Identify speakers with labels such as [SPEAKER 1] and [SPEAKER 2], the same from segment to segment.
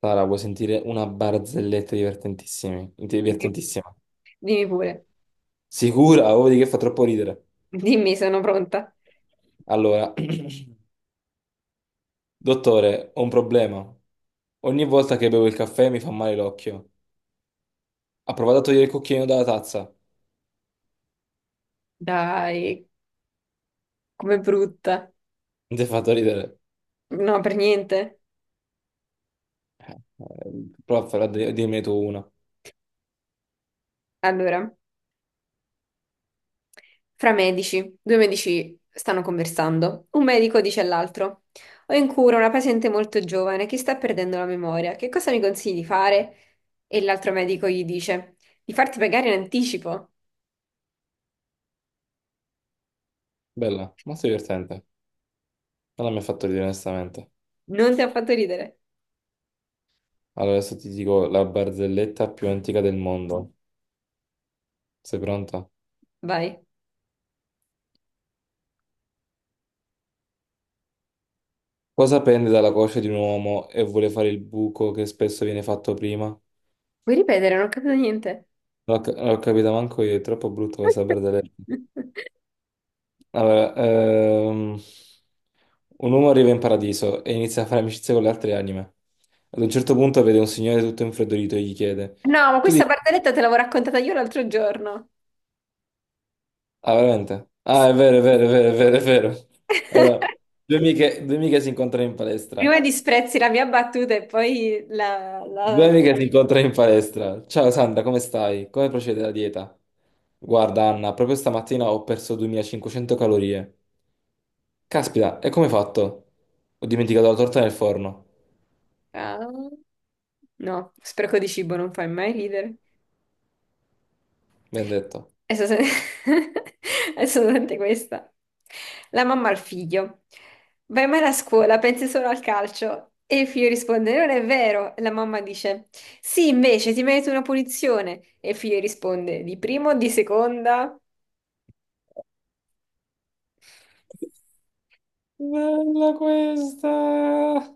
[SPEAKER 1] Sara, vuoi sentire una barzelletta divertentissima?
[SPEAKER 2] Dimmi
[SPEAKER 1] Divertentissima.
[SPEAKER 2] dimmi pure,
[SPEAKER 1] Sicura? Oh, di che fa troppo ridere.
[SPEAKER 2] dimmi, sono pronta.
[SPEAKER 1] Allora, dottore, ho un problema. Ogni volta che bevo il caffè mi fa male l'occhio. Ha provato a togliere il cucchiaino dalla tazza. Non
[SPEAKER 2] Dai, com'è brutta.
[SPEAKER 1] ti ha fatto ridere.
[SPEAKER 2] No, per niente.
[SPEAKER 1] Eh, prova a farla dirmene tu una.
[SPEAKER 2] Allora, fra medici, due medici stanno conversando. Un medico dice all'altro: ho in cura una paziente molto giovane che sta perdendo la memoria. Che cosa mi consigli di fare? E l'altro medico gli dice: di farti pagare in anticipo.
[SPEAKER 1] Bella, molto divertente. Non mi ha fatto ridere, onestamente.
[SPEAKER 2] Non ti ha fatto ridere.
[SPEAKER 1] Allora, adesso ti dico la barzelletta più antica del mondo. Sei pronta?
[SPEAKER 2] Vai.
[SPEAKER 1] Cosa pende dalla coscia di un uomo e vuole fare il buco che spesso viene fatto prima?
[SPEAKER 2] Vuoi ripetere? Non ho capito niente.
[SPEAKER 1] L'ho capito manco io, è troppo brutto questa barzelletta. Allora, un uomo arriva in paradiso e inizia a fare amicizia con le altre anime. Ad un certo punto vede un signore tutto infreddolito e gli chiede:
[SPEAKER 2] No, ma
[SPEAKER 1] Tu
[SPEAKER 2] questa
[SPEAKER 1] di...
[SPEAKER 2] barzelletta te l'avevo raccontata io l'altro giorno.
[SPEAKER 1] Ah, veramente? Ah, è
[SPEAKER 2] Sì.
[SPEAKER 1] vero, è vero, è vero, è vero, è vero. Allora, due amiche si incontrano in palestra.
[SPEAKER 2] Prima disprezzi la mia battuta e poi la...
[SPEAKER 1] Due
[SPEAKER 2] la-
[SPEAKER 1] amiche si incontrano in palestra. Ciao Sandra, come stai? Come procede la dieta? Guarda, Anna, proprio stamattina ho perso 2.500 calorie. Caspita, e come hai fatto? Ho dimenticato la torta nel forno,
[SPEAKER 2] Ah, no, spreco di cibo non fai mai ridere.
[SPEAKER 1] mi hanno detto.
[SPEAKER 2] Adesso se- adesso senti questa. La mamma al figlio: vai mai a scuola, pensi solo al calcio. E il figlio risponde: non è vero. E la mamma dice: sì, invece ti meriti una punizione. E il figlio risponde: di prima o di seconda?
[SPEAKER 1] Bella questa!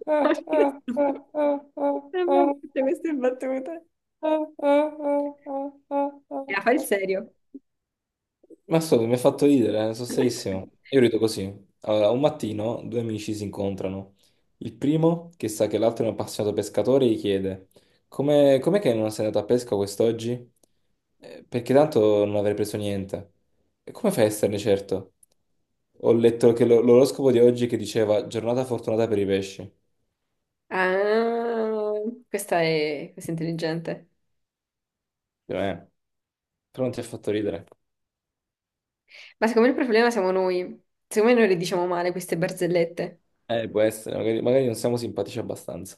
[SPEAKER 1] Ah, ah,
[SPEAKER 2] Non mi-
[SPEAKER 1] ah, ah, ah,
[SPEAKER 2] non mi-
[SPEAKER 1] ah,
[SPEAKER 2] Tutte queste battute.
[SPEAKER 1] ah, ah, ah, ah, ah,
[SPEAKER 2] La fa il
[SPEAKER 1] ah.
[SPEAKER 2] serio.
[SPEAKER 1] Ma scusa, mi ha fatto ridere, sono serissimo. Io rido così. Allora, un mattino due amici si incontrano. Il primo, che sa che l'altro è un appassionato pescatore, gli chiede: Come, com'è che non sei andato a pesca quest'oggi? Perché tanto non avrei preso niente. E come fai a esserne certo? Ho letto che l'oroscopo di oggi che diceva giornata fortunata per i pesci.
[SPEAKER 2] Ah, questa è intelligente.
[SPEAKER 1] Dico, però non ti ha fatto ridere.
[SPEAKER 2] Ma secondo me il problema siamo noi. Secondo me noi le diciamo male queste barzellette.
[SPEAKER 1] Può essere, magari, magari non siamo simpatici abbastanza.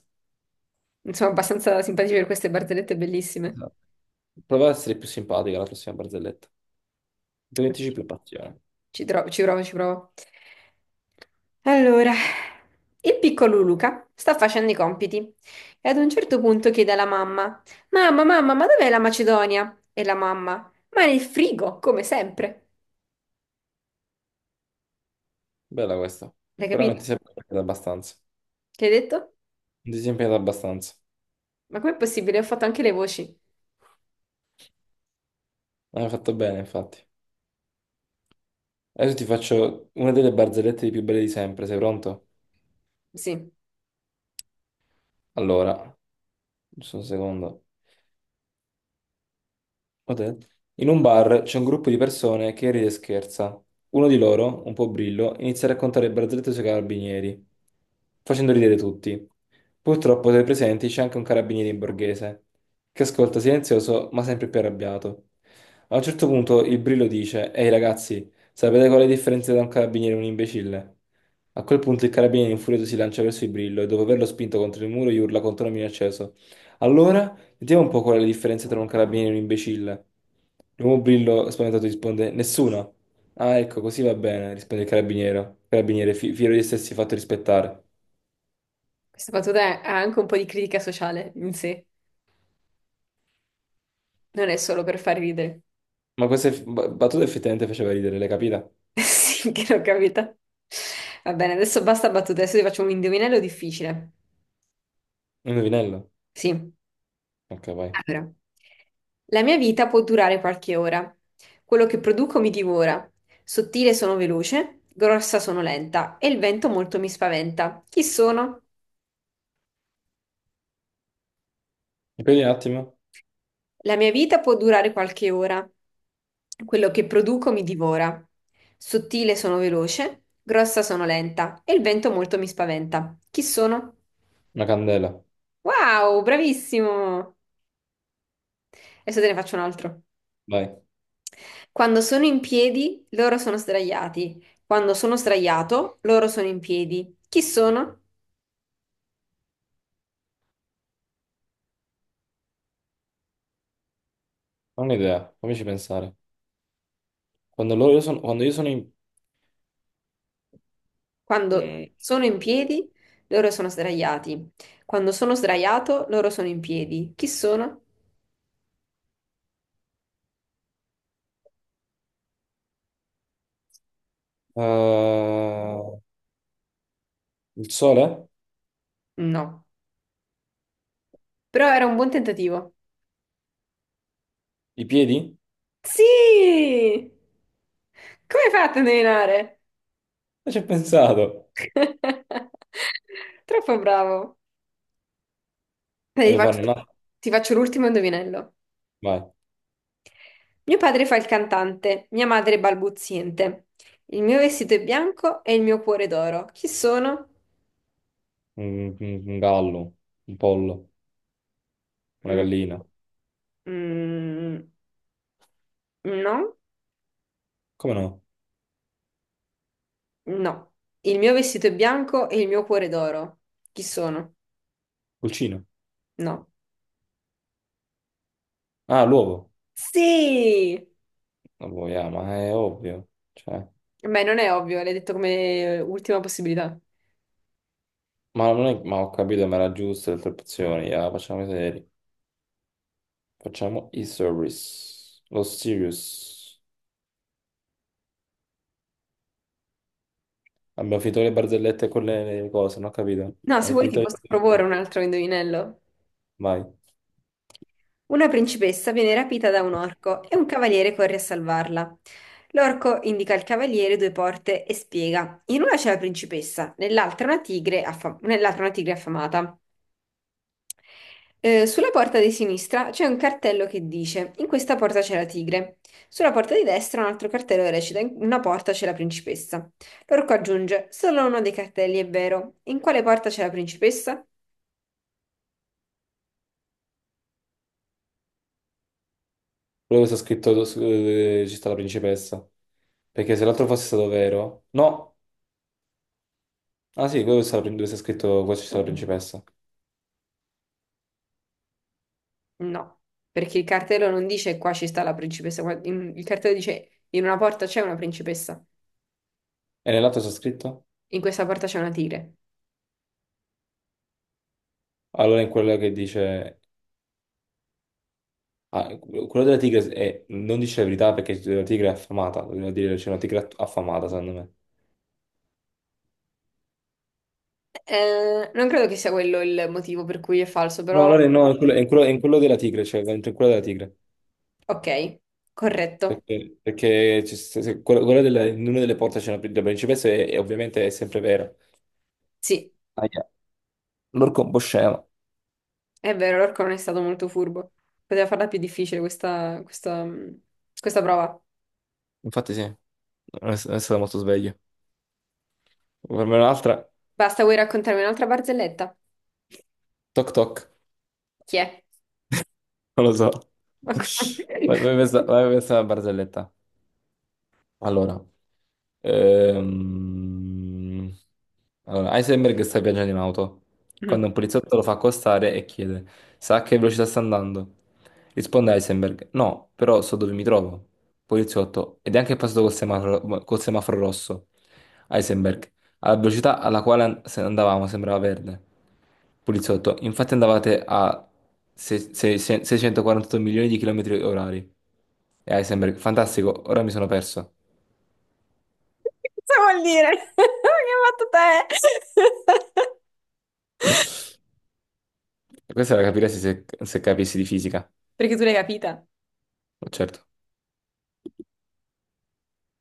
[SPEAKER 2] Non sono abbastanza simpatici per queste barzellette bellissime.
[SPEAKER 1] Esatto. Prova a essere più simpatica la prossima barzelletta. Mettici più passione.
[SPEAKER 2] Ci provo, ci provo. Allora, il piccolo Luca sta facendo i compiti e ad un certo punto chiede alla mamma: mamma, mamma, ma dov'è la Macedonia? E la mamma: ma nel frigo, come sempre.
[SPEAKER 1] Bella questa.
[SPEAKER 2] L'hai
[SPEAKER 1] Però non
[SPEAKER 2] capito?
[SPEAKER 1] ti sei impegnata abbastanza.
[SPEAKER 2] Che hai detto?
[SPEAKER 1] Non ti sei impegnata abbastanza.
[SPEAKER 2] Ma com'è possibile? Ho fatto anche le voci.
[SPEAKER 1] Hai fatto bene, infatti. Adesso ti faccio una delle barzellette più belle di sempre. Sei pronto?
[SPEAKER 2] Sì,
[SPEAKER 1] Allora, giusto un secondo. Potente. In un bar c'è un gruppo di persone che ride e scherza. Uno di loro, un po' brillo, inizia a raccontare barzellette sui carabinieri, facendo ridere tutti. Purtroppo tra i presenti c'è anche un carabiniere in borghese, che ascolta silenzioso ma sempre più arrabbiato. A un certo punto il brillo dice: Ehi ragazzi, sapete qual è la differenza tra un carabiniere e un imbecille? A quel punto il carabiniere infurioso si lancia verso il brillo e dopo averlo spinto contro il muro gli urla contro un acceso. Allora? Vediamo un po' qual è la differenza tra un carabiniere e un imbecille. L'uomo brillo spaventato risponde: Nessuna. Ah, ecco, così va bene, risponde il carabiniere, carabiniere fiero di essersi fatto rispettare.
[SPEAKER 2] questa battuta ha anche un po' di critica sociale in sé, non è solo per far ridere.
[SPEAKER 1] Ma questa battuta effettivamente faceva ridere, l'hai capita?
[SPEAKER 2] Sì, che l'ho capita. Va bene, adesso basta battute, adesso ti faccio un indovinello difficile.
[SPEAKER 1] Un indovinello?
[SPEAKER 2] Sì,
[SPEAKER 1] Ok, vai.
[SPEAKER 2] allora. La mia vita può durare qualche ora. Quello che produco mi divora. Sottile sono veloce, grossa sono lenta e il vento molto mi spaventa. Chi sono?
[SPEAKER 1] Ripendi un attimo.
[SPEAKER 2] La mia vita può durare qualche ora. Quello che produco mi divora. Sottile sono veloce, grossa sono lenta e il vento molto mi spaventa. Chi sono?
[SPEAKER 1] Una candela.
[SPEAKER 2] Wow, bravissimo! Adesso te ne faccio un altro.
[SPEAKER 1] Vai.
[SPEAKER 2] Quando sono in piedi, loro sono sdraiati. Quando sono sdraiato, loro sono in piedi. Chi sono?
[SPEAKER 1] Ho un'idea, fammici pensare. Quando loro io sono, quando io sono in...
[SPEAKER 2] Quando
[SPEAKER 1] Mm.
[SPEAKER 2] sono in piedi, loro sono sdraiati. Quando sono sdraiato, loro sono in piedi. Chi sono?
[SPEAKER 1] Eh, il sole?
[SPEAKER 2] No. Però era un buon tentativo.
[SPEAKER 1] I piedi?
[SPEAKER 2] Sì! Come hai fatto a indovinare?
[SPEAKER 1] Non ci ho pensato.
[SPEAKER 2] Troppo bravo. Dai,
[SPEAKER 1] Devo fare una...
[SPEAKER 2] ti faccio l'ultimo indovinello.
[SPEAKER 1] Vai.
[SPEAKER 2] Mio padre fa il cantante, mia madre è balbuziente. Il mio vestito è bianco e il mio cuore è d'oro. Chi sono?
[SPEAKER 1] Un gallo, un pollo, una
[SPEAKER 2] Mm,
[SPEAKER 1] gallina.
[SPEAKER 2] mm, no,
[SPEAKER 1] Come no?
[SPEAKER 2] no. Il mio vestito è bianco e il mio cuore è d'oro. Chi sono?
[SPEAKER 1] Pulcino.
[SPEAKER 2] No.
[SPEAKER 1] Ah, l'uovo.
[SPEAKER 2] Sì!
[SPEAKER 1] Vabbè, yeah, ma è ovvio. Cioè,
[SPEAKER 2] Beh, non è ovvio, l'hai detto come ultima possibilità.
[SPEAKER 1] ma non è, ma ho capito, ma era giusto le tre opzioni. Yeah, facciamo i seri. Facciamo i service. Lo serious. Abbiamo finito le barzellette con le cose, non ho capito.
[SPEAKER 2] No, se
[SPEAKER 1] Hai
[SPEAKER 2] vuoi ti
[SPEAKER 1] finito
[SPEAKER 2] posso
[SPEAKER 1] le...
[SPEAKER 2] proporre un altro indovinello.
[SPEAKER 1] Vai.
[SPEAKER 2] Una principessa viene rapita da un orco e un cavaliere corre a salvarla. L'orco indica al cavaliere due porte e spiega. In una c'è la principessa, nell'altra una tigre affamata. Sulla porta di sinistra c'è un cartello che dice: in questa porta c'è la tigre. Sulla porta di destra un altro cartello che recita: in una porta c'è la principessa. L'orco aggiunge: solo uno dei cartelli è vero. In quale porta c'è la principessa?
[SPEAKER 1] Quello che sta scritto su- ci sta la principessa. Perché se l'altro fosse stato vero... No! Ah sì, quello che sta- dove sta scritto qua ci sta la principessa.
[SPEAKER 2] No, perché il cartello non dice qua ci sta la principessa, il cartello dice in una porta c'è una principessa,
[SPEAKER 1] E nell'altro sta scritto?
[SPEAKER 2] in questa porta c'è una tigre.
[SPEAKER 1] Allora in quello che dice... ah, quello della tigre è- non dice la verità perché la tigre è affamata, doveva dire c'è una tigre affamata, secondo me.
[SPEAKER 2] Non credo che sia quello il motivo per cui è falso,
[SPEAKER 1] No,
[SPEAKER 2] però
[SPEAKER 1] allora no, è quello, è in quello- è in quello della tigre, cioè in quello della tigre.
[SPEAKER 2] ok, corretto.
[SPEAKER 1] Perché, perché c'è- quello, quello della- in una delle porte c'è una la principessa e ovviamente è sempre vero.
[SPEAKER 2] Sì,
[SPEAKER 1] Aia, l'orco è un po' scemo.
[SPEAKER 2] è vero, l'orco non è stato molto furbo. Poteva farla più difficile questa prova.
[SPEAKER 1] Infatti sì, non è, non è stato molto sveglio. Per me un'altra,
[SPEAKER 2] Basta, vuoi raccontarmi un'altra barzelletta?
[SPEAKER 1] toc toc,
[SPEAKER 2] Chi è?
[SPEAKER 1] non lo so.
[SPEAKER 2] Ma come-
[SPEAKER 1] Vai, vai, questa è una barzelletta. Allora. Ehm, allora, Heisenberg sta viaggiando in auto.
[SPEAKER 2] Mm.
[SPEAKER 1] Quando un poliziotto lo fa accostare e chiede: Sa a che velocità sta andando? Risponde Heisenberg: No, però so dove mi trovo. Poliziotto: Ed è anche passato col semaforo rosso. Heisenberg: Alla velocità alla quale andavamo sembrava verde. Poliziotto: Infatti andavate a 648 milioni di chilometri orari. E Heisenberg: Fantastico, ora mi sono perso.
[SPEAKER 2] Cosa vuol dire? Che hai fatto te?
[SPEAKER 1] Questa la capiresti se, se capissi di fisica,
[SPEAKER 2] Perché tu l'hai capita?
[SPEAKER 1] certo.